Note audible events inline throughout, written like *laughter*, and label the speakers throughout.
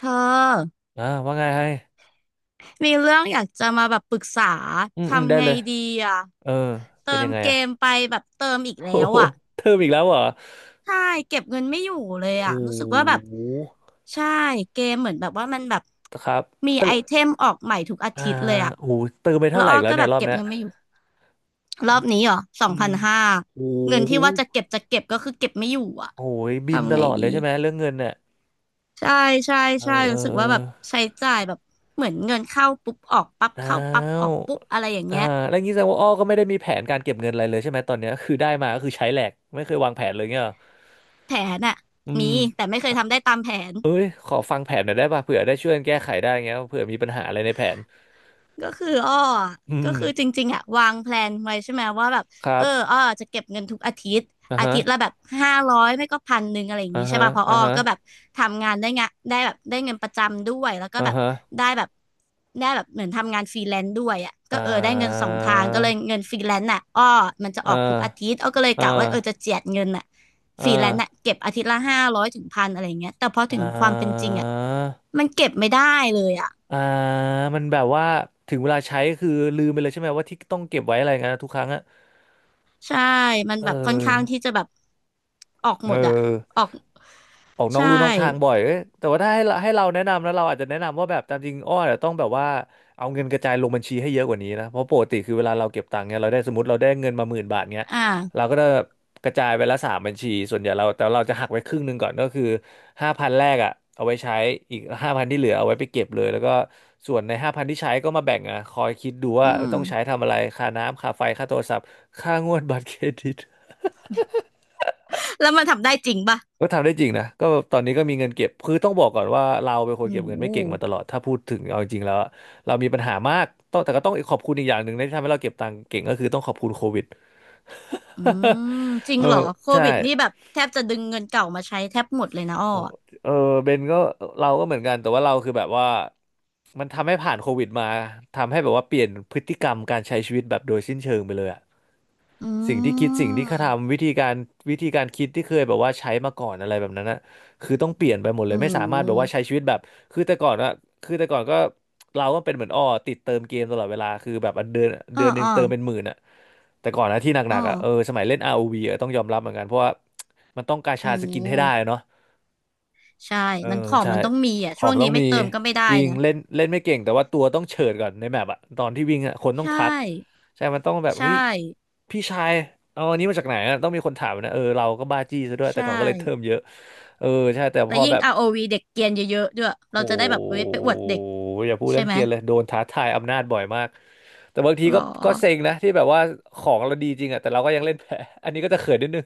Speaker 1: เธอ
Speaker 2: อ่าว่าไงให้
Speaker 1: มีเรื่องอยากจะมาแบบปรึกษา
Speaker 2: อืมได้
Speaker 1: ทำไง
Speaker 2: เลย
Speaker 1: ดีอ่ะ
Speaker 2: เออ
Speaker 1: เติ
Speaker 2: เป็น
Speaker 1: ม
Speaker 2: ยังไง
Speaker 1: เก
Speaker 2: อะ
Speaker 1: มไปแบบเติมอีกแล้
Speaker 2: โอ้
Speaker 1: ว
Speaker 2: โห
Speaker 1: อ่ะ
Speaker 2: เติมอีกแล้วเหรอ
Speaker 1: ใช่เก็บเงินไม่อยู่เลย
Speaker 2: โห
Speaker 1: อ่ะรู้สึกว่าแบบใช่เกมเหมือนแบบว่ามันแบบ
Speaker 2: ครับ
Speaker 1: มี
Speaker 2: เติ
Speaker 1: ไอเท
Speaker 2: ม
Speaker 1: มออกใหม่ทุกอา
Speaker 2: อ่า
Speaker 1: ทิตย์เลยอ่ะ
Speaker 2: โหเติมไป
Speaker 1: แล้
Speaker 2: เท่า
Speaker 1: ว
Speaker 2: ไหร่
Speaker 1: อ้อ
Speaker 2: อีกแล้ว
Speaker 1: ก็
Speaker 2: เนี่
Speaker 1: แบ
Speaker 2: ย
Speaker 1: บ
Speaker 2: รอบ
Speaker 1: เก็บ
Speaker 2: เนี้ย
Speaker 1: เงินไม่อยู่รอบนี้เหรอสอ
Speaker 2: อื
Speaker 1: งพั
Speaker 2: ม
Speaker 1: นห้า
Speaker 2: โห
Speaker 1: เงินที่ว่าจะเก็บจะเก็บก็คือเก็บไม่อยู่อ่ะ
Speaker 2: โอ้ยบิน
Speaker 1: ทำ
Speaker 2: ต
Speaker 1: ไง
Speaker 2: ลอด
Speaker 1: ดี
Speaker 2: เลยใช่ไหมเรื่องเงินเนี่ย
Speaker 1: ใช่ใช่
Speaker 2: เอ
Speaker 1: ใช่
Speaker 2: อเอ
Speaker 1: รู้
Speaker 2: อ
Speaker 1: สึก
Speaker 2: เออ
Speaker 1: ว่าแบบใช้จ่ายแบบเหมือนเงินเข้าปุ๊บออกปั๊บ
Speaker 2: อ้า
Speaker 1: เข้าปั๊บออ
Speaker 2: ว
Speaker 1: กปุ๊บอะไรอย่าง
Speaker 2: อ่า
Speaker 1: เงี้ย
Speaker 2: แล้วงี้แสดงว่าอ้อก็ไม่ได้มีแผนการเก็บเงินอะไรเลยใช่ไหมตอนเนี้ยคือได้มาก็คือใช้แหลกไม่เคยวางแผนเลยเงี้ยเหรอ
Speaker 1: แผนอะ
Speaker 2: อื
Speaker 1: มี
Speaker 2: ม
Speaker 1: แต่ไม่เคยทำได้ตามแผน
Speaker 2: เอ้ยขอฟังแผนหน่อยได้ป่ะเผื่อได้ช่วยกันแก้ไขได้เงี้ยเผื่อมีปัญหาอะไรในแผน
Speaker 1: ก็คืออ้อ
Speaker 2: อื
Speaker 1: ก็
Speaker 2: ม
Speaker 1: คือจริงๆอะวางแพลนไว้ใช่ไหมว่าแบบ
Speaker 2: ครั
Speaker 1: เออ
Speaker 2: บ
Speaker 1: อ้อจะเก็บเงินทุกอาทิตย์
Speaker 2: อ่า
Speaker 1: อา
Speaker 2: ฮะ
Speaker 1: ทิตย์ละแบบห้าร้อยไม่ก็1,000อะไรอย่าง
Speaker 2: อ่า
Speaker 1: งี้ใช่
Speaker 2: ฮะ
Speaker 1: ป่ะเพราะ
Speaker 2: อ่า
Speaker 1: อ้อ
Speaker 2: ฮะ
Speaker 1: ก็แบบทำงานได้งะได้แบบได้เงินประจำด้วยแล้วก็
Speaker 2: อ่า
Speaker 1: แบบ
Speaker 2: ฮะ
Speaker 1: ได้แบบได้แบบเหมือนทำงานฟรีแลนซ์ด้วยอ่ะก็
Speaker 2: อ่
Speaker 1: เออได้เงินส
Speaker 2: า
Speaker 1: องทางก็เลยเงินฟรีแลนซ์น่ะอ้อมันจะ
Speaker 2: อ่
Speaker 1: ออกทุกอาทิต
Speaker 2: า
Speaker 1: ย์อ้อก็เลย
Speaker 2: อ่
Speaker 1: กะว่าเออจะ
Speaker 2: า
Speaker 1: เจียดเงินน่ะฟ
Speaker 2: อ่า
Speaker 1: รีแลนซ์น่ะเก็บอาทิตย์ละ500-1,000อะไรอย่างเงี้ยแต่พอ
Speaker 2: อ่
Speaker 1: ถึงความเป็นจ
Speaker 2: า
Speaker 1: ริงอ่ะมันเก็บไม่ได้เลยอ่ะ
Speaker 2: อ่ามันแบบว่าถึงเวลาใช้คือลืมไปเลยใช่ไหมว่าที่ต้องเก็บไว้อะไรเงี้ยทุกครั้งอะ
Speaker 1: ใช่มัน
Speaker 2: เ
Speaker 1: แบบค่อนข้าง
Speaker 2: ออ
Speaker 1: ที่จะแบบออกหม
Speaker 2: เออ
Speaker 1: ดอะออก
Speaker 2: ออกนอก
Speaker 1: ใช่
Speaker 2: ลู่นอกทางบ่อยเอ้ยแต่ว่าถ้าให้เราแนะนำนะเราอาจจะแนะนำว่าแบบตามจริงอ้อเนี่ยต้องแบบว่าเอาเงินกระจายลงบัญชีให้เยอะกว่านี้นะเพราะปกติคือเวลาเราเก็บตังค์เนี่ยเราได้สมมติเราได้เงินมาหมื่นบาทเนี้ย
Speaker 1: อ่า
Speaker 2: เราก็จะกระจายไปละสามบัญชีส่วนใหญ่เราแต่เราจะหักไว้ครึ่งหนึ่งก่อนก็คือห้าพันแรกอ่ะเอาไว้ใช้อีกห้าพันที่เหลือเอาไว้ไปเก็บเลยแล้วก็ส่วนในห้าพันที่ใช้ก็มาแบ่งอ่ะคอยคิดดู
Speaker 1: อื
Speaker 2: ว่า
Speaker 1: ม
Speaker 2: ต้
Speaker 1: *laughs*
Speaker 2: องใช้ทำอะไรค่าน้ำค่าไฟค่าโทรศัพท์ค่างวดบัตรเครดิต
Speaker 1: แล้วมันทำได้จริงป่ะ
Speaker 2: ก็ทำได้จริงนะก็ตอนนี้ก็มีเงินเก็บคือต้องบอกก่อนว่าเราเป็นคน
Speaker 1: โอ้
Speaker 2: เก็บ
Speaker 1: โห
Speaker 2: เงินไม่เก่งมาตลอดถ้าพูดถึงเอาจริงแล้วอะเรามีปัญหามากต้องขอบคุณอีกอย่างหนึ่งนะที่ทำให้เราเก็บตังค์เก่งก็คือต้องขอบคุณโควิด
Speaker 1: อืมจ
Speaker 2: *laughs*
Speaker 1: ริ
Speaker 2: เอ
Speaker 1: ง
Speaker 2: อ
Speaker 1: เหรอโค
Speaker 2: ใช่
Speaker 1: วิดนี่แบบแทบจะดึงเงินเก่ามาใช้แทบหมดเลยนะอ้อ
Speaker 2: โอ้
Speaker 1: อะ
Speaker 2: เออเบนก็เราก็เหมือนกันแต่ว่าเราคือแบบว่ามันทำให้ผ่านโควิดมาทำให้แบบว่าเปลี่ยนพฤติกรรมการใช้ชีวิตแบบโดยสิ้นเชิงไปเลยอะ
Speaker 1: อื
Speaker 2: สิ่งที่เขา
Speaker 1: ม
Speaker 2: ทำวิธีการคิดที่เคยแบบว่าใช้มาก่อนอะไรแบบนั้นนะคือต้องเปลี่ยนไปหมดเล
Speaker 1: โอ้
Speaker 2: ยไม่สามารถแบบว่า
Speaker 1: โห
Speaker 2: ใช้ชีวิตแบบคือแต่ก่อนอะคือแต่ก่อนก็เราก็เป็นเหมือนอ้อติดเติมเกมตลอดเวลาคือแบบอันเดือนเดื
Speaker 1: อ้อ
Speaker 2: อนหนึ่ง
Speaker 1: อ้อ
Speaker 2: เติมเป็นหมื่นอะแต่ก่อนนะที่ห
Speaker 1: อ้
Speaker 2: นั
Speaker 1: อ
Speaker 2: กๆอะเออสมัยเล่น ROV อวีอะต้องยอมรับเหมือนกันเพราะว่ามันต้องกา
Speaker 1: โอ้
Speaker 2: ชาสกิน
Speaker 1: โห
Speaker 2: ให้ได้อะเนาะ
Speaker 1: ใช่
Speaker 2: เออ
Speaker 1: มันของ
Speaker 2: ใช่
Speaker 1: มันต้องมีอ่ะ
Speaker 2: ขอ
Speaker 1: ช่
Speaker 2: ง
Speaker 1: วง
Speaker 2: มัน
Speaker 1: นี้
Speaker 2: ต้อง
Speaker 1: ไม่
Speaker 2: มี
Speaker 1: เติมก็ไม่ได้
Speaker 2: จริง
Speaker 1: นะ
Speaker 2: เล่นเล่นไม่เก่งแต่ว่าตัวต้องเฉิดก่อนในแมปอะตอนที่วิ่งอะคนต้
Speaker 1: ใช
Speaker 2: องทัก
Speaker 1: ่
Speaker 2: ใช่มันต้องแบบ
Speaker 1: ใช่
Speaker 2: เฮ้ยพี่ชายเอาอันนี้มาจากไหนอะต้องมีคนถามนะเออเราก็บ้าจี้ซะด้วยแต่
Speaker 1: ใช่
Speaker 2: ก่อนก็เลยเทิมเยอะเออใช่แต่
Speaker 1: แล้
Speaker 2: พ
Speaker 1: ว
Speaker 2: อ
Speaker 1: ยิ่
Speaker 2: แบ
Speaker 1: ง
Speaker 2: บ
Speaker 1: ROV เด็กเกรียนเยอะๆด้วย
Speaker 2: โ
Speaker 1: เราจะได้แบบเอ้ย
Speaker 2: ห
Speaker 1: ไปอวดเด็ก
Speaker 2: อย่าพูด
Speaker 1: ใช่
Speaker 2: เรื่อง
Speaker 1: ไหม
Speaker 2: เกียร์เลยโดนท้าทายอำนาจบ่อยมากแต่บางที
Speaker 1: หร
Speaker 2: ก็
Speaker 1: อ
Speaker 2: ก็เซ็งนะที่แบบว่าของเราดีจริงอะแต่เราก็ยังเล่นแพ้อันนี้ก็จะเขินนิดนึง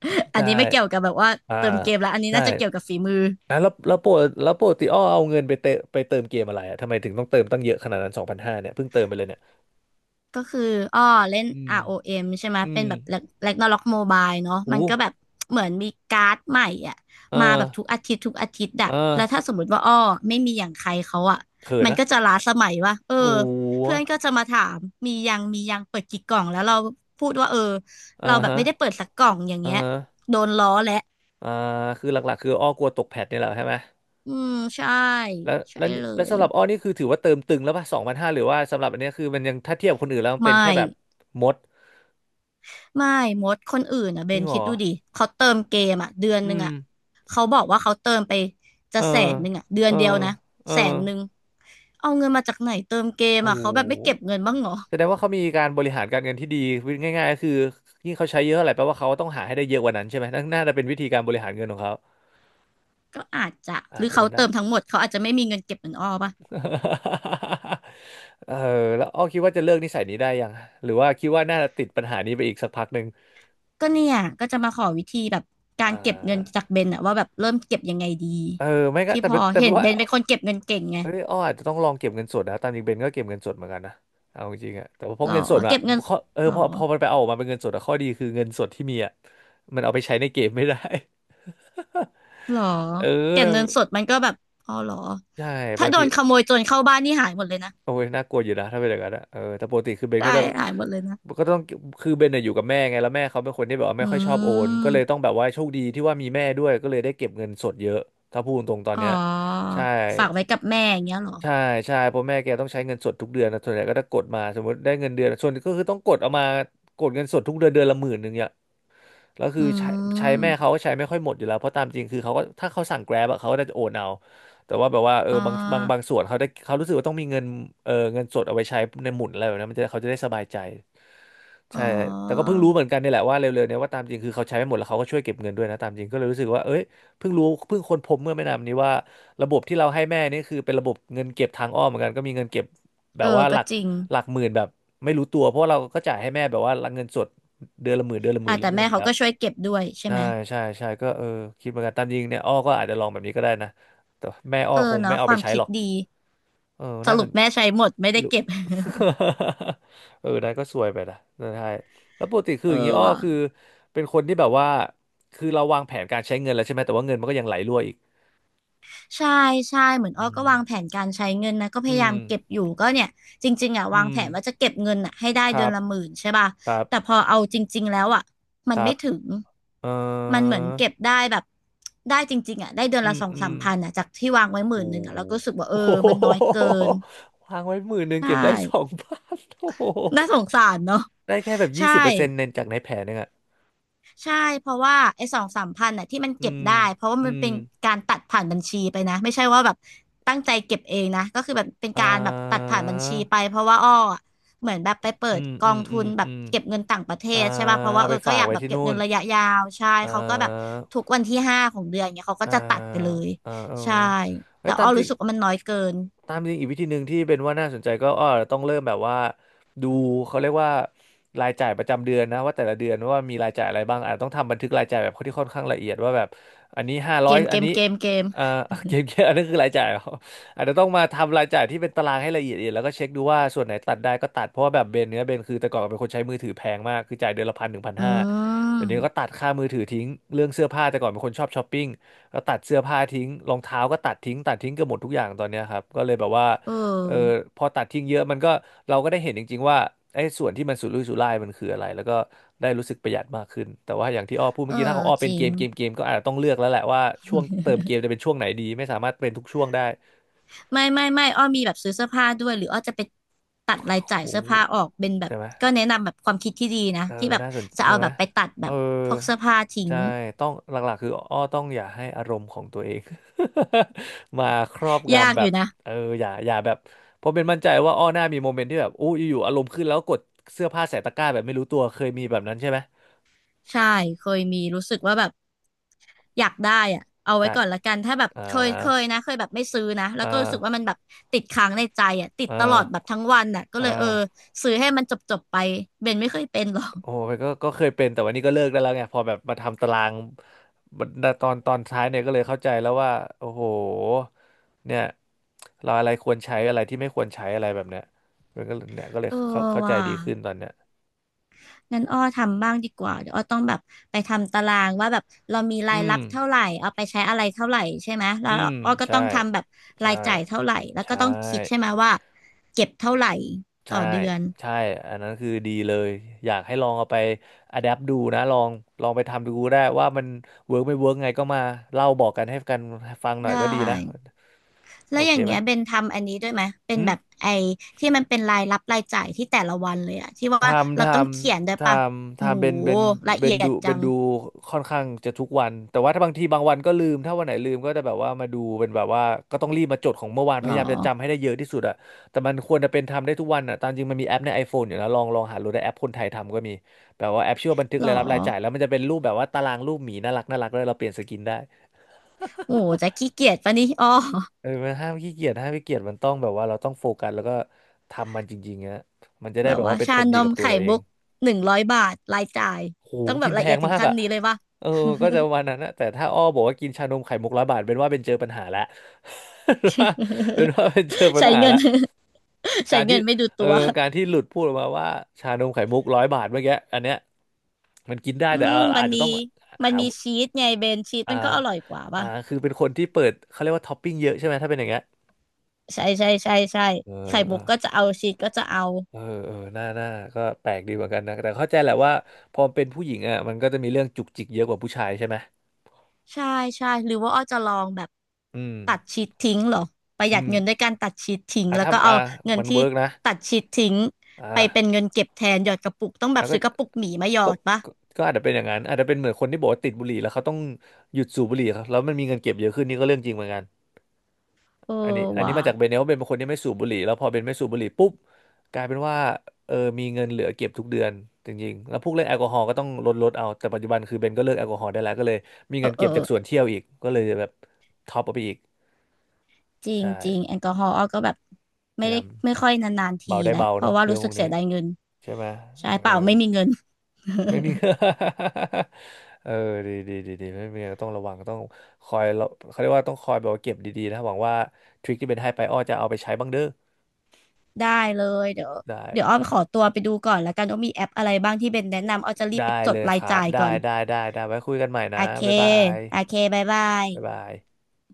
Speaker 2: *laughs*
Speaker 1: อัน
Speaker 2: ใช่
Speaker 1: นี้ไม่เกี่ยวกับแบบว่า
Speaker 2: อ่า
Speaker 1: เติมเกมแล้วอันนี้
Speaker 2: ใช่
Speaker 1: น่าจะเกี่ยวกับฝีมือ
Speaker 2: อ่ะแล้วโปกติอ้อเอาเงินไปเติมเกมอะไรอะทำไมถึงต้องเติมตั้งเยอะขนาดนั้นสองพันห้าเนี่ยเพิ่งเติมไปเลยเนี่ย
Speaker 1: ก็คืออ้อเล่น
Speaker 2: อืม
Speaker 1: ROM ใช่ไหม
Speaker 2: อื
Speaker 1: เป็
Speaker 2: ม
Speaker 1: นแบบ Ragnarok Mobile เนาะ
Speaker 2: อู้
Speaker 1: มันก็แบบเหมือนมีการ์ดใหม่อ่ะ
Speaker 2: เอ
Speaker 1: มาแบบทุก
Speaker 2: อ
Speaker 1: อาทิตย์ทุกอาทิตย์
Speaker 2: เออ
Speaker 1: อะแล้วถ้าสมมติว่าอ้อไม่มีอย่างใครเขาอะ
Speaker 2: เขิน
Speaker 1: มัน
Speaker 2: นะ
Speaker 1: ก็จะล้าสมัยว่าเออ
Speaker 2: อู้
Speaker 1: เพื่อนก็จะมาถามมียังมียังเปิดกี่กล่องแล้วเราพูดว่าเออ
Speaker 2: อ่า
Speaker 1: เราแบบ
Speaker 2: ฮะ
Speaker 1: ไม่ได้เปิดสักกล่องอย่าง
Speaker 2: อ่า
Speaker 1: เงี้ย
Speaker 2: ฮะ
Speaker 1: โดนล้อและ
Speaker 2: อ่าคือหลักๆคืออ้อกลัวตกแพทเนี่ยแหละใช่ไหม
Speaker 1: อืมใช่
Speaker 2: แล้ว
Speaker 1: ใช่
Speaker 2: แล้วนี่
Speaker 1: เล
Speaker 2: แล้ว
Speaker 1: ย
Speaker 2: สำหรับอ้อนี่คือถือว่าเติมตึงแล้วป่ะสองพันห้าหรือว่าสำหรับอันเนี้ยคือมันยังถ้าเทียบคนอื่นแล้วมันเป็น
Speaker 1: ไม่
Speaker 2: แค่แบบมด
Speaker 1: ไม่มดคนอื่นอ่ะเบ
Speaker 2: จริง
Speaker 1: น
Speaker 2: เหร
Speaker 1: คิด
Speaker 2: อ
Speaker 1: ดูดิเขาเติมเกมอ่ะเดือน
Speaker 2: อื
Speaker 1: หนึ่ง
Speaker 2: ม
Speaker 1: อ่ะเขาบอกว่าเขาเติมไปจะ
Speaker 2: เออ
Speaker 1: แสนหนึ่งอ่ะเดือน
Speaker 2: เออ
Speaker 1: เดียวนะ
Speaker 2: เออ
Speaker 1: แสนหนึ่งเอาเงินมาจากไหนเติมเกม
Speaker 2: โอ้
Speaker 1: อ่ะ
Speaker 2: โห
Speaker 1: เขาแบบไม่เก็บเงินบ้างเหรอ
Speaker 2: แสดงว่าเขามีการบริหารการเงินที่ดีวิธีง่ายๆก็คือยิ่งเขาใช้เยอะเท่าไหร่แปลว่าเขาต้องหาให้ได้เยอะกว่านั้นใช่ไหมนั่นน่าจะเป็นวิธีการบริหารเงินของเขา
Speaker 1: ก็อาจจะห
Speaker 2: อา
Speaker 1: รื
Speaker 2: จ
Speaker 1: อ
Speaker 2: จะ
Speaker 1: เขา
Speaker 2: เป็นได้
Speaker 1: เติมทั้งหมดเขาอาจจะไม่มีเงินเก็บเหมือนอ้อปะ
Speaker 2: *laughs* เออแล้วอ้อคิดว่าจะเลิกนิสัยนี้ได้ยังหรือว่าคิดว่าน่าจะติดปัญหานี้ไปอีกสักพักหนึ่ง
Speaker 1: ก็เนี่ยก็จะมาขอวิธีแบบกา
Speaker 2: อ่
Speaker 1: รเก็บเงิน
Speaker 2: า
Speaker 1: จากเบนอ่ะว่าแบบเริ่มเก็บยังไงดี
Speaker 2: เออไม่ก็
Speaker 1: ที่
Speaker 2: แต่
Speaker 1: พอ
Speaker 2: เป็นแต่
Speaker 1: เห็
Speaker 2: เป็
Speaker 1: น
Speaker 2: น
Speaker 1: เบ
Speaker 2: ว่า
Speaker 1: นเป็นคนเก็บเงินเก่งไง
Speaker 2: เอ้ยอ้ออาจจะต้องลองเก็บเงินสดนะตามจริงเบนก็เก็บเงินสดเหมือนกันนะเอาจริงๆอะแต่ว่าพอ
Speaker 1: หรอ
Speaker 2: เงินสดอะ
Speaker 1: เก็บเงิน
Speaker 2: ข้อเออ
Speaker 1: หรอ
Speaker 2: พอมันไปเอาออกมาเป็นเงินสดอะข้อดีคือเงินสดที่มีอะมันเอาไปใช้ในเกมไม่ได้
Speaker 1: หรอ
Speaker 2: *laughs* เออ
Speaker 1: เก็บ
Speaker 2: แล้ว
Speaker 1: เงินสดมันก็แบบอ๋อหรอ
Speaker 2: ใช่
Speaker 1: ถ้า
Speaker 2: บาง
Speaker 1: โด
Speaker 2: ที
Speaker 1: นขโมยโจรเข้าบ้านนี่หายหมดเลยนะ
Speaker 2: โอ้ยน่ากลัวอยู่นะถ้าเป็นอย่างนั้นอะเออแต่ปกติคือเบน
Speaker 1: ได้
Speaker 2: ก็จะ
Speaker 1: หายหมดเลยนะ
Speaker 2: ก็ต้องคือเบนเนี่ยอยู่กับแม่ไงแล้วแม่เขาเป็นคนที่แบบว่า
Speaker 1: อื
Speaker 2: ไม่ค่อยชอบโอนก็เลย
Speaker 1: ม
Speaker 2: ต้องแบบว่าโชคดีที่ว่ามีแม่ด้วยก็เลยได้เก็บเงินสดเยอะถ้าพูดตรงๆตอน
Speaker 1: อ๋อ
Speaker 2: เนี้ยใช่
Speaker 1: ฝากไว้กับแม่อย่างเงี้ยเหรอ
Speaker 2: ใช่ใช่เพราะแม่แกต้องใช้เงินสดทุกเดือนนะส่วนใหญ่ก็จะกดมาสมมติได้เงินเดือนส่วนก็คือต้องกดเอามากดเงินสดทุกเดือนเดือนละหมื่นหนึ่ง แล้วคือ
Speaker 1: อื
Speaker 2: ใช้ใช้แม่เขา
Speaker 1: ม
Speaker 2: ก็ใช้ไม่ค่อยหมดอยู่แล้วเพราะตามจริงคือเขาก็ถ้าเขาสั่ง Grab อะเขาก็น่าจะโอนเอาแต่ว่าแบบว่าเออ
Speaker 1: อ๋อ
Speaker 2: บางส่วนเขาได้เขารู้สึกว่าต้องมีเงินเออเงินสดเอาไว้ใช้ในหมุนอะไรแบบนั้นมันจะเขาจะได้สบายใจ
Speaker 1: อ๋อ
Speaker 2: ใช่แต่ก็เพิ่งรู้เหมือนกันนี่แหละว่าเร็วๆเนี่ยว่าตามจริงคือเขาใช้ไม่หมดแล้วเขาก็ช่วยเก็บเงินด้วยนะตามจริงก็เลยรู้สึกว่าเอ้ยเพิ่งรู้เพิ่งค้นพบเมื่อไม่นานนี้ว่าระบบที่เราให้แม่นี่คือเป็นระบบเงินเก็บทางอ้อมเหมือนกันก็มีเงินเก็บแบ
Speaker 1: เอ
Speaker 2: บ
Speaker 1: อ
Speaker 2: ว่าห
Speaker 1: ก็
Speaker 2: ลัก
Speaker 1: จริง
Speaker 2: หลักหมื่นแบบไม่รู้ตัวเพราะว่าเราก็จ่ายให้แม่แบบว่าเงินสดเดือนละหมื่นเดือนละห
Speaker 1: อ่ะ
Speaker 2: มื่น
Speaker 1: แต่
Speaker 2: เรื่อ
Speaker 1: แม่
Speaker 2: ยๆอยู่
Speaker 1: เขา
Speaker 2: แล้ว
Speaker 1: ก็ช่วยเก็บด้วยใช่
Speaker 2: ใช่
Speaker 1: ไหม
Speaker 2: ใช่ใช่ก็เออคิดเหมือนกันตามจริงเนี่ยอ้อก็อาจจะลองแบบนี้ก็ได้นะแต่แม่อ้อ
Speaker 1: เอ
Speaker 2: ค
Speaker 1: อ
Speaker 2: งไม่
Speaker 1: เนาะ
Speaker 2: เอา
Speaker 1: ค
Speaker 2: ไป
Speaker 1: วาม
Speaker 2: ใช้
Speaker 1: คิ
Speaker 2: ห
Speaker 1: ด
Speaker 2: รอก
Speaker 1: ดี
Speaker 2: เออ
Speaker 1: ส
Speaker 2: น่าส
Speaker 1: รุป
Speaker 2: น
Speaker 1: แม่ใช้หมดไม่ได้
Speaker 2: รู้
Speaker 1: เก็บ
Speaker 2: *laughs* เออนั่นก็ซวยไปนะนั่นใช่แล้วปกติ
Speaker 1: *laughs*
Speaker 2: คื
Speaker 1: เอ
Speaker 2: อ
Speaker 1: อ
Speaker 2: อย่างนี้อ้อ
Speaker 1: ว่ะ
Speaker 2: คือเป็นคนที่แบบว่าคือเราวางแผนการใช้เงินแล้วใช่ไหมแต่ว่าเงินมันก็ยังไหลรั่วอีก
Speaker 1: ใช่ใช่เหมือนอ้
Speaker 2: อื
Speaker 1: อก็
Speaker 2: ม
Speaker 1: วางแผนการใช้เงินนะก็พ
Speaker 2: อื
Speaker 1: ยายา
Speaker 2: ม
Speaker 1: มเก็บอยู่ก็เนี่ยจริงๆอ่ะ
Speaker 2: อื
Speaker 1: วางแผ
Speaker 2: ม
Speaker 1: นว่าจะเก็บเงินอ่ะให้ได้
Speaker 2: ครั
Speaker 1: เดือน
Speaker 2: บ
Speaker 1: ละหมื่นใช่ป่ะ
Speaker 2: ครับ
Speaker 1: แต่พอเอาจริงๆแล้วอ่ะ
Speaker 2: ค
Speaker 1: มัน
Speaker 2: รั
Speaker 1: ไม่
Speaker 2: บ
Speaker 1: ถึง
Speaker 2: เอ
Speaker 1: มันเห
Speaker 2: อ
Speaker 1: มือนเก็บได้แบบได้จริงๆอ่ะได้เดือน
Speaker 2: อื
Speaker 1: ละ
Speaker 2: ม
Speaker 1: สอง
Speaker 2: อื
Speaker 1: สา
Speaker 2: ม
Speaker 1: มพันอ่ะจากที่วางไว้ห
Speaker 2: โห
Speaker 1: มื่นหนึ่งอ่ะเราก็รู้สึกว่า
Speaker 2: *laughs*
Speaker 1: เออ
Speaker 2: อ้โห
Speaker 1: มันน้อยเกิน
Speaker 2: *laughs* วางไว้11,000
Speaker 1: ใช่
Speaker 2: เก็บได้2,000โอ้โห
Speaker 1: น่าสงสารเนาะ
Speaker 2: ได้แค่แบบยี่
Speaker 1: ใช่
Speaker 2: สิบเปอร์เซ็นต์ในจากในแผนนึงอ่ะ
Speaker 1: ใช่เพราะว่าไอ้สองสามพันน่ะที่มัน
Speaker 2: อื
Speaker 1: เก็บ
Speaker 2: ม
Speaker 1: ได้เพราะว่า
Speaker 2: อื
Speaker 1: มัน
Speaker 2: ม
Speaker 1: เป็นการตัดผ่านบัญชีไปนะไม่ใช่ว่าแบบตั้งใจเก็บเองนะก็คือแบบเป็น
Speaker 2: อ่
Speaker 1: การแบบตัด
Speaker 2: า
Speaker 1: ผ่านบัญชีไปเพราะว่าอ้ออะเหมือนแบบไปเปิ
Speaker 2: อื
Speaker 1: ด
Speaker 2: ม
Speaker 1: กอ
Speaker 2: อืม
Speaker 1: งทุ
Speaker 2: อืม
Speaker 1: นแบ
Speaker 2: อื
Speaker 1: บ
Speaker 2: ม
Speaker 1: เก็บเงินต่างประเท
Speaker 2: อ่า
Speaker 1: ศใช่ป่ะเพราะว่า
Speaker 2: เอา
Speaker 1: เอ
Speaker 2: ไป
Speaker 1: อก็
Speaker 2: ฝา
Speaker 1: อ
Speaker 2: ก
Speaker 1: ยาก
Speaker 2: ไว้
Speaker 1: แบบ
Speaker 2: ที่
Speaker 1: เก็บ
Speaker 2: นู่
Speaker 1: เงิ
Speaker 2: น
Speaker 1: นระยะยาวใช่
Speaker 2: อ่
Speaker 1: เขาก็แบบ
Speaker 2: า
Speaker 1: ทุกวันที่ห้าของเดือนเนี่ยเขาก็
Speaker 2: อ่า
Speaker 1: จะตัดไปเลย
Speaker 2: อ่าเออ
Speaker 1: ใช่
Speaker 2: ไอ้
Speaker 1: แต่
Speaker 2: ยตา
Speaker 1: อ้อ
Speaker 2: มจริ
Speaker 1: รู้
Speaker 2: ง
Speaker 1: สึกว่ามันน้อยเกิน
Speaker 2: ตามจริงอีกวิธีหนึ่งที่เป็นว่าน่าสนใจก็อ้อต้องเริ่มแบบว่าดูเขาเรียกว่ารายจ่ายประจำเดือนนะว่าแต่ละเดือนว่ามีรายจ่ายอะไรบ้างอาจต้องทำบันทึกรายจ่ายแบบที่ค่อนข้างละเอียดว่าแบบอันนี้ห้าร้
Speaker 1: เก
Speaker 2: อย
Speaker 1: มเก
Speaker 2: อัน
Speaker 1: ม
Speaker 2: นี้
Speaker 1: เกมเกม
Speaker 2: เอ่อ *laughs* เกมเกมอันนั้นคือรายจ่าย *laughs* เหรออาจจะต้องมาทำรายจ่ายที่เป็นตารางให้ละเอียดๆแล้วก็เช็คดูว่าส่วนไหนตัดได้ก็ตัดเพราะว่าแบบเบนเนี้ยเบนคือแต่ก่อนเป็นคนใช้มือถือแพงมากคือจ่ายเดือนละพันถึงพัน
Speaker 1: อื
Speaker 2: ห้าเดี๋ยวนี้ก็ตั
Speaker 1: ม
Speaker 2: ดค่ามือถือทิ้งเรื่องเสื้อผ้าแต่ก่อนเป็นคนชอบช้อปปิ้ง ก็ตัดเสื้อผ้าทิ้งรองเท้าก็ตัดทิ้งตัดทิ้งเกือบหมดทุกอย่างตอนเนี้ยครับก็เลยแบบว่า
Speaker 1: เ
Speaker 2: เออ
Speaker 1: ออ
Speaker 2: พอตัดทิ้งเยอะมันก็เราก็ได้เห็นจริงๆว่าไอ้ส่วนที่มันสุรุ่ยสุร่ายมันคืออะไรแล้วก็ได้รู้สึกประหยัดมากขึ้นแต่ว่าอย่างที่อ้อพูด
Speaker 1: เอ
Speaker 2: เมื่
Speaker 1: อ
Speaker 2: อกี้ถ้าของอ้อ
Speaker 1: จ
Speaker 2: เป็น
Speaker 1: ริ
Speaker 2: เก
Speaker 1: ง
Speaker 2: มเกมเกมก็อาจจะต้องเลือกแล้วแหละว่าช่วงเติมเกมจะเป็นช่วงไหนดีไม่สามารถเป็นทุกช่วงได้
Speaker 1: ไม่ไม่ไม่อ้อมีแบบซื้อเสื้อผ้าด้วยหรืออ้อจะไปตัด
Speaker 2: โอ้
Speaker 1: รายจ่าย
Speaker 2: โห
Speaker 1: เสื้อผ้าออกเป็นแบบ
Speaker 2: ใช่ไหม
Speaker 1: ก็แนะนำแบบความคิดที่ดีนะ
Speaker 2: เออ
Speaker 1: ที่แบบ
Speaker 2: น่าสน
Speaker 1: จะ
Speaker 2: ใช่
Speaker 1: เอา
Speaker 2: ไห
Speaker 1: แบ
Speaker 2: ม
Speaker 1: บไปตัดแบ
Speaker 2: เออ
Speaker 1: บพวกเสื้อผ้าทิ้ง
Speaker 2: ใช่ต้องหลักๆคืออ้อ ต้องอย่าให้อารมณ์ของตัวเอง *laughs* มาครอบ
Speaker 1: ยาก
Speaker 2: งำแบ
Speaker 1: อ
Speaker 2: บ
Speaker 1: ยู่นะ
Speaker 2: เอออย่าแบบเพราะเป็นมั่นใจว่าอ้อหน้ามีโมเมนต์ที่แบบอู้อยู่ๆอารมณ์ขึ้นแล้วกดเสื้อผ้าใส่ตะกร้าแบบไม่รู้ตัวเคยมีแบบนั้นใช่ไหม
Speaker 1: ใช่เคยมีรู้สึกว่าแบบอยากได้อะเอาไว้
Speaker 2: การ
Speaker 1: ก่อนละกันถ้าแบบ
Speaker 2: อ่า
Speaker 1: เคยนะเคยแบบไม่ซื้อนะแล้ว
Speaker 2: อ่
Speaker 1: ก็รู้สึกว่ามั
Speaker 2: า
Speaker 1: นแบบติดค้างในใจอ่ะติด
Speaker 2: อ่
Speaker 1: ตลอดแบบ
Speaker 2: า
Speaker 1: ทั้งวันอ่ะก็
Speaker 2: อ่
Speaker 1: เลยเออ
Speaker 2: า
Speaker 1: ซื้อให้มันจบไปเบนไม่เคยเป็นหรอก
Speaker 2: โอ้ยก็เคยเป็นแต่วันนี้ก็เลิกได้แล้วไงพอแบบมาทำตารางบัดตอนตอนท้ายเนี่ยก็เลยเข้าใจแล้วว่าโอ้โหเนี่ยเราอะไรควรใช้อะไรที่ไม่ควรใช้อะไรแบบเนี้ยมันก็เนี่ยก็เลย
Speaker 1: เออ
Speaker 2: เข้าใจ
Speaker 1: ว่ะ
Speaker 2: ดีขึ้นตอนเนี้ย
Speaker 1: งั้นอ้อทำบ้างดีกว่าเดี๋ยวอ้อต้องแบบไปทำตารางว่าแบบเรามีราย
Speaker 2: อืม
Speaker 1: รับเท่าไหร่เอาไปใช้อะไรเท่าไหร่ใช่ไหมแล้
Speaker 2: อื
Speaker 1: ว
Speaker 2: ม
Speaker 1: อ้อก็
Speaker 2: ใช่
Speaker 1: ต้องทำแบบ
Speaker 2: ใช่
Speaker 1: รายจ่ายเท่าไหร่แล้วก็
Speaker 2: ใช่
Speaker 1: ต้องคิดใช่ไหมว่าเก็บเท่าไหร่ต่อ
Speaker 2: ใช่
Speaker 1: เดือน
Speaker 2: ใช่อันนั้นคือดีเลยอยากให้ลองเอาไปอะแดปดูนะลองลองไปทำดูได้ว่ามันเวิร์กไม่เวิร์กไงก็มาเล่าบอกกันให้กันฟังหน่อ
Speaker 1: ได้
Speaker 2: ยก็ดีนะ
Speaker 1: แล้
Speaker 2: โอ
Speaker 1: วอ
Speaker 2: เค
Speaker 1: ย่าง
Speaker 2: ไหม
Speaker 1: เงี้ยเบนทำอันนี้ด้วยไหมเป็น
Speaker 2: อื
Speaker 1: แบบ
Speaker 2: ม
Speaker 1: ไอ้ที่มันเป็นรายรับรายจ่ายที่แต่ละวันเลยอะที่
Speaker 2: ท
Speaker 1: ว่า
Speaker 2: ำท
Speaker 1: เราต้องเขียนด้วย
Speaker 2: ำท
Speaker 1: ปะ
Speaker 2: ำ
Speaker 1: โห
Speaker 2: ทำเป็นเป็น
Speaker 1: ละ
Speaker 2: เป็
Speaker 1: เอี
Speaker 2: น
Speaker 1: ย
Speaker 2: ดู
Speaker 1: ดจั
Speaker 2: เป็น
Speaker 1: ง
Speaker 2: ดูค่อนข้างจะทุกวันแต่ว่าถ้าบางทีบางวันก็ลืมถ้าวันไหนลืมก็จะแบบว่ามาดูเป็นแบบว่าก็ต้องรีบมาจดของเมื่อวาน
Speaker 1: ห
Speaker 2: พ
Speaker 1: รอ
Speaker 2: ยายามจะจำให้ได้เยอะที่สุดอะแต่มันควรจะเป็นทำได้ทุกวันอะตามจริงมันมีแอปใน iPhone อยู่นะลองหาดูได้แอปคนไทยทำก็มีแบบว่าแอปชื่อว่าบันทึก
Speaker 1: หรอ
Speaker 2: รายรับรายจ่ายแล้วมันจะเป็นรูปแบบว่าตารางรูปหมีน่ารักน่ารักแล้วยเราเปลี่ยนสกินได้
Speaker 1: โอ้จะขี้เกียจปะนี่อ้อ
Speaker 2: เออมันห้ามขี้เกียจห้ามขี้เกียจมันต้องแบบว่าเราต้องโฟกัสแล้วก็ทำมันจริงๆอะมันจะได้
Speaker 1: แบบ
Speaker 2: แบบ
Speaker 1: ว่า
Speaker 2: ว่าเป็นผ
Speaker 1: ชา
Speaker 2: ล
Speaker 1: น
Speaker 2: ดี
Speaker 1: ม
Speaker 2: กับตัว
Speaker 1: ไข่
Speaker 2: เราเอ
Speaker 1: มุ
Speaker 2: ง
Speaker 1: ก100 บาทรายจ่าย
Speaker 2: โห
Speaker 1: ต้องแบ
Speaker 2: กิ
Speaker 1: บ
Speaker 2: นแพ
Speaker 1: ละเอีย
Speaker 2: ง
Speaker 1: ดถึง
Speaker 2: มาก
Speaker 1: ขั้น
Speaker 2: อ่ะ
Speaker 1: นี้เลยป่ะ
Speaker 2: เออก็จะวันนั้นนะแต่ถ้าอ้อบอกว่ากินชานมไข่มุกร้อยบาทเป็นว่าเป็นเจอปัญหาละ *laughs* เป็น
Speaker 1: *laughs*
Speaker 2: ว่า *laughs* เป็นว่าเป็นเจอปัญ
Speaker 1: ใช้
Speaker 2: หา
Speaker 1: เงิน
Speaker 2: ละ
Speaker 1: *laughs* ใช้
Speaker 2: การ
Speaker 1: เงิ
Speaker 2: ที่
Speaker 1: นไม่ดู
Speaker 2: เอ
Speaker 1: ตั
Speaker 2: อ
Speaker 1: ว
Speaker 2: การที่หลุดพูดออกมาว่าชานมไข่มุกร้อยบาทเมื่อกี้อันเนี้ยมันกินได้
Speaker 1: อื
Speaker 2: แต่
Speaker 1: ม
Speaker 2: เอา
Speaker 1: มัน
Speaker 2: อาจจะ
Speaker 1: มี
Speaker 2: ต้อง
Speaker 1: มัน
Speaker 2: หา
Speaker 1: มีชีสไงเบนชีส
Speaker 2: อ่า
Speaker 1: มันก็อร่อยกว่าป่ะ
Speaker 2: คือเป็นคนที่เปิดเขาเรียกว่าท็อปปิ้งเยอะใช่ไหมถ้าเป็นอย่างเงี้ย
Speaker 1: ใช่ใช่ใช่ใช่
Speaker 2: เ
Speaker 1: ไข่มุกก็
Speaker 2: ออ
Speaker 1: จะเอาชีสก็จะเอา
Speaker 2: เออเออหน่าหน้าก็แปลกดีเหมือนกันนะแต่เข้าใจแหละว่าพอเป็นผู้หญิงอ่ะมันก็จะมีเรื่องจุกจิกเยอะกว่าผู้ชายใช่ไหม
Speaker 1: ใช่ใช่หรือว่าอ้อจะลองแบบ
Speaker 2: อืม
Speaker 1: ตัดชีสทิ้งเหรอประห
Speaker 2: อื
Speaker 1: ยัดเงินด้วย
Speaker 2: ม
Speaker 1: การตัดชีสทิ้ง
Speaker 2: อ่ะ
Speaker 1: แล้ว
Speaker 2: ถ้า
Speaker 1: ก็เอา
Speaker 2: อ่ะ
Speaker 1: เงิน
Speaker 2: มัน
Speaker 1: ที่
Speaker 2: เวิร์กนะ
Speaker 1: ตัดชีสทิ้ง
Speaker 2: อ่
Speaker 1: ไปเป็
Speaker 2: า
Speaker 1: นเงินเก็บแทนหยอดกระปุกต้องแบ
Speaker 2: แล้
Speaker 1: บ
Speaker 2: วก็
Speaker 1: ซื้อกระปุกหมีมาหยอ
Speaker 2: ก็
Speaker 1: ดปะ
Speaker 2: ก็ก็อาจจะเป็นอย่างนั้นอาจจะเป็นเหมือนคนที่บอกว่าติดบุหรี่แล้วเขาต้องหยุดสูบบุหรี่ครับแล้วมันมีเงินเก็บเยอะขึ้นนี่ก็เรื่องจริงเหมือนกัน
Speaker 1: เออ
Speaker 2: อันนี้อัน
Speaker 1: ว่ะ
Speaker 2: นี้มาจากเบนเนลเป็นคนที่ไม่สูบบุหรี่แล้วพอเบนไม่สูบบุหรี่ปุ๊บกลายเป็นว่าเออมีเงินเหลือเก็บทุกเดือนจริงๆแล้วพวกเรื่องแอลกอฮอล์ก็ต้องลดเอาแต่ปัจจุบันคือเบนก็เลิกแอลกอฮอล์ได้แล้วก็เลยมี
Speaker 1: เออ
Speaker 2: เงิน
Speaker 1: เอ
Speaker 2: เก็
Speaker 1: อ
Speaker 2: บจากส่
Speaker 1: เอ
Speaker 2: วน
Speaker 1: อ
Speaker 2: เที่ยวอีกก็เลยแบบท็อปออาไปอีก
Speaker 1: จริง
Speaker 2: ใช่
Speaker 1: จริงแอลกอฮอล์อ้อก็แบบ
Speaker 2: พ
Speaker 1: ไม่
Speaker 2: ยา
Speaker 1: ได้
Speaker 2: ยาม
Speaker 1: ไม่ค่อยนานๆที
Speaker 2: เบาได้
Speaker 1: แหละ
Speaker 2: เบา
Speaker 1: เพราะ
Speaker 2: เนาะ
Speaker 1: ว่า
Speaker 2: เรื่อ
Speaker 1: รู้
Speaker 2: ง
Speaker 1: สึ
Speaker 2: พว
Speaker 1: ก
Speaker 2: ก
Speaker 1: เสี
Speaker 2: นี้
Speaker 1: ยดายเงิน
Speaker 2: ใช่ไหม
Speaker 1: ใช่
Speaker 2: เออ
Speaker 1: เปล่าไม่มีเงิน
Speaker 2: ไม่มี
Speaker 1: *laughs*
Speaker 2: *laughs* เออดีดีดีดีไม่มีอะไรต้องระวังต้องคอยเราเขาเรียกว่าต้องคอยแบบว่าเก็บดีๆนะหวังว่าทริคที่เป็นให้ไปอ้อจะเอาไปใช้บ้างเด้อ
Speaker 1: ได้เลยเดี๋ยว
Speaker 2: ได้
Speaker 1: อ้อขอตัวไปดูก่อนแล้วกันว่ามีแอปอะไรบ้างที่เบนแนะนำอ้อจะรีบ
Speaker 2: ได้
Speaker 1: ไปจ
Speaker 2: เล
Speaker 1: ด
Speaker 2: ย
Speaker 1: รา
Speaker 2: ค
Speaker 1: ย
Speaker 2: รั
Speaker 1: จ่า
Speaker 2: บ
Speaker 1: ย
Speaker 2: ได้
Speaker 1: ก่อน
Speaker 2: ได้ได้ได้ไว้คุยกันใหม่
Speaker 1: โอ
Speaker 2: นะ
Speaker 1: เค
Speaker 2: บ๊ายบาย
Speaker 1: โอเคบายบา
Speaker 2: บ๊าย
Speaker 1: ย
Speaker 2: บาย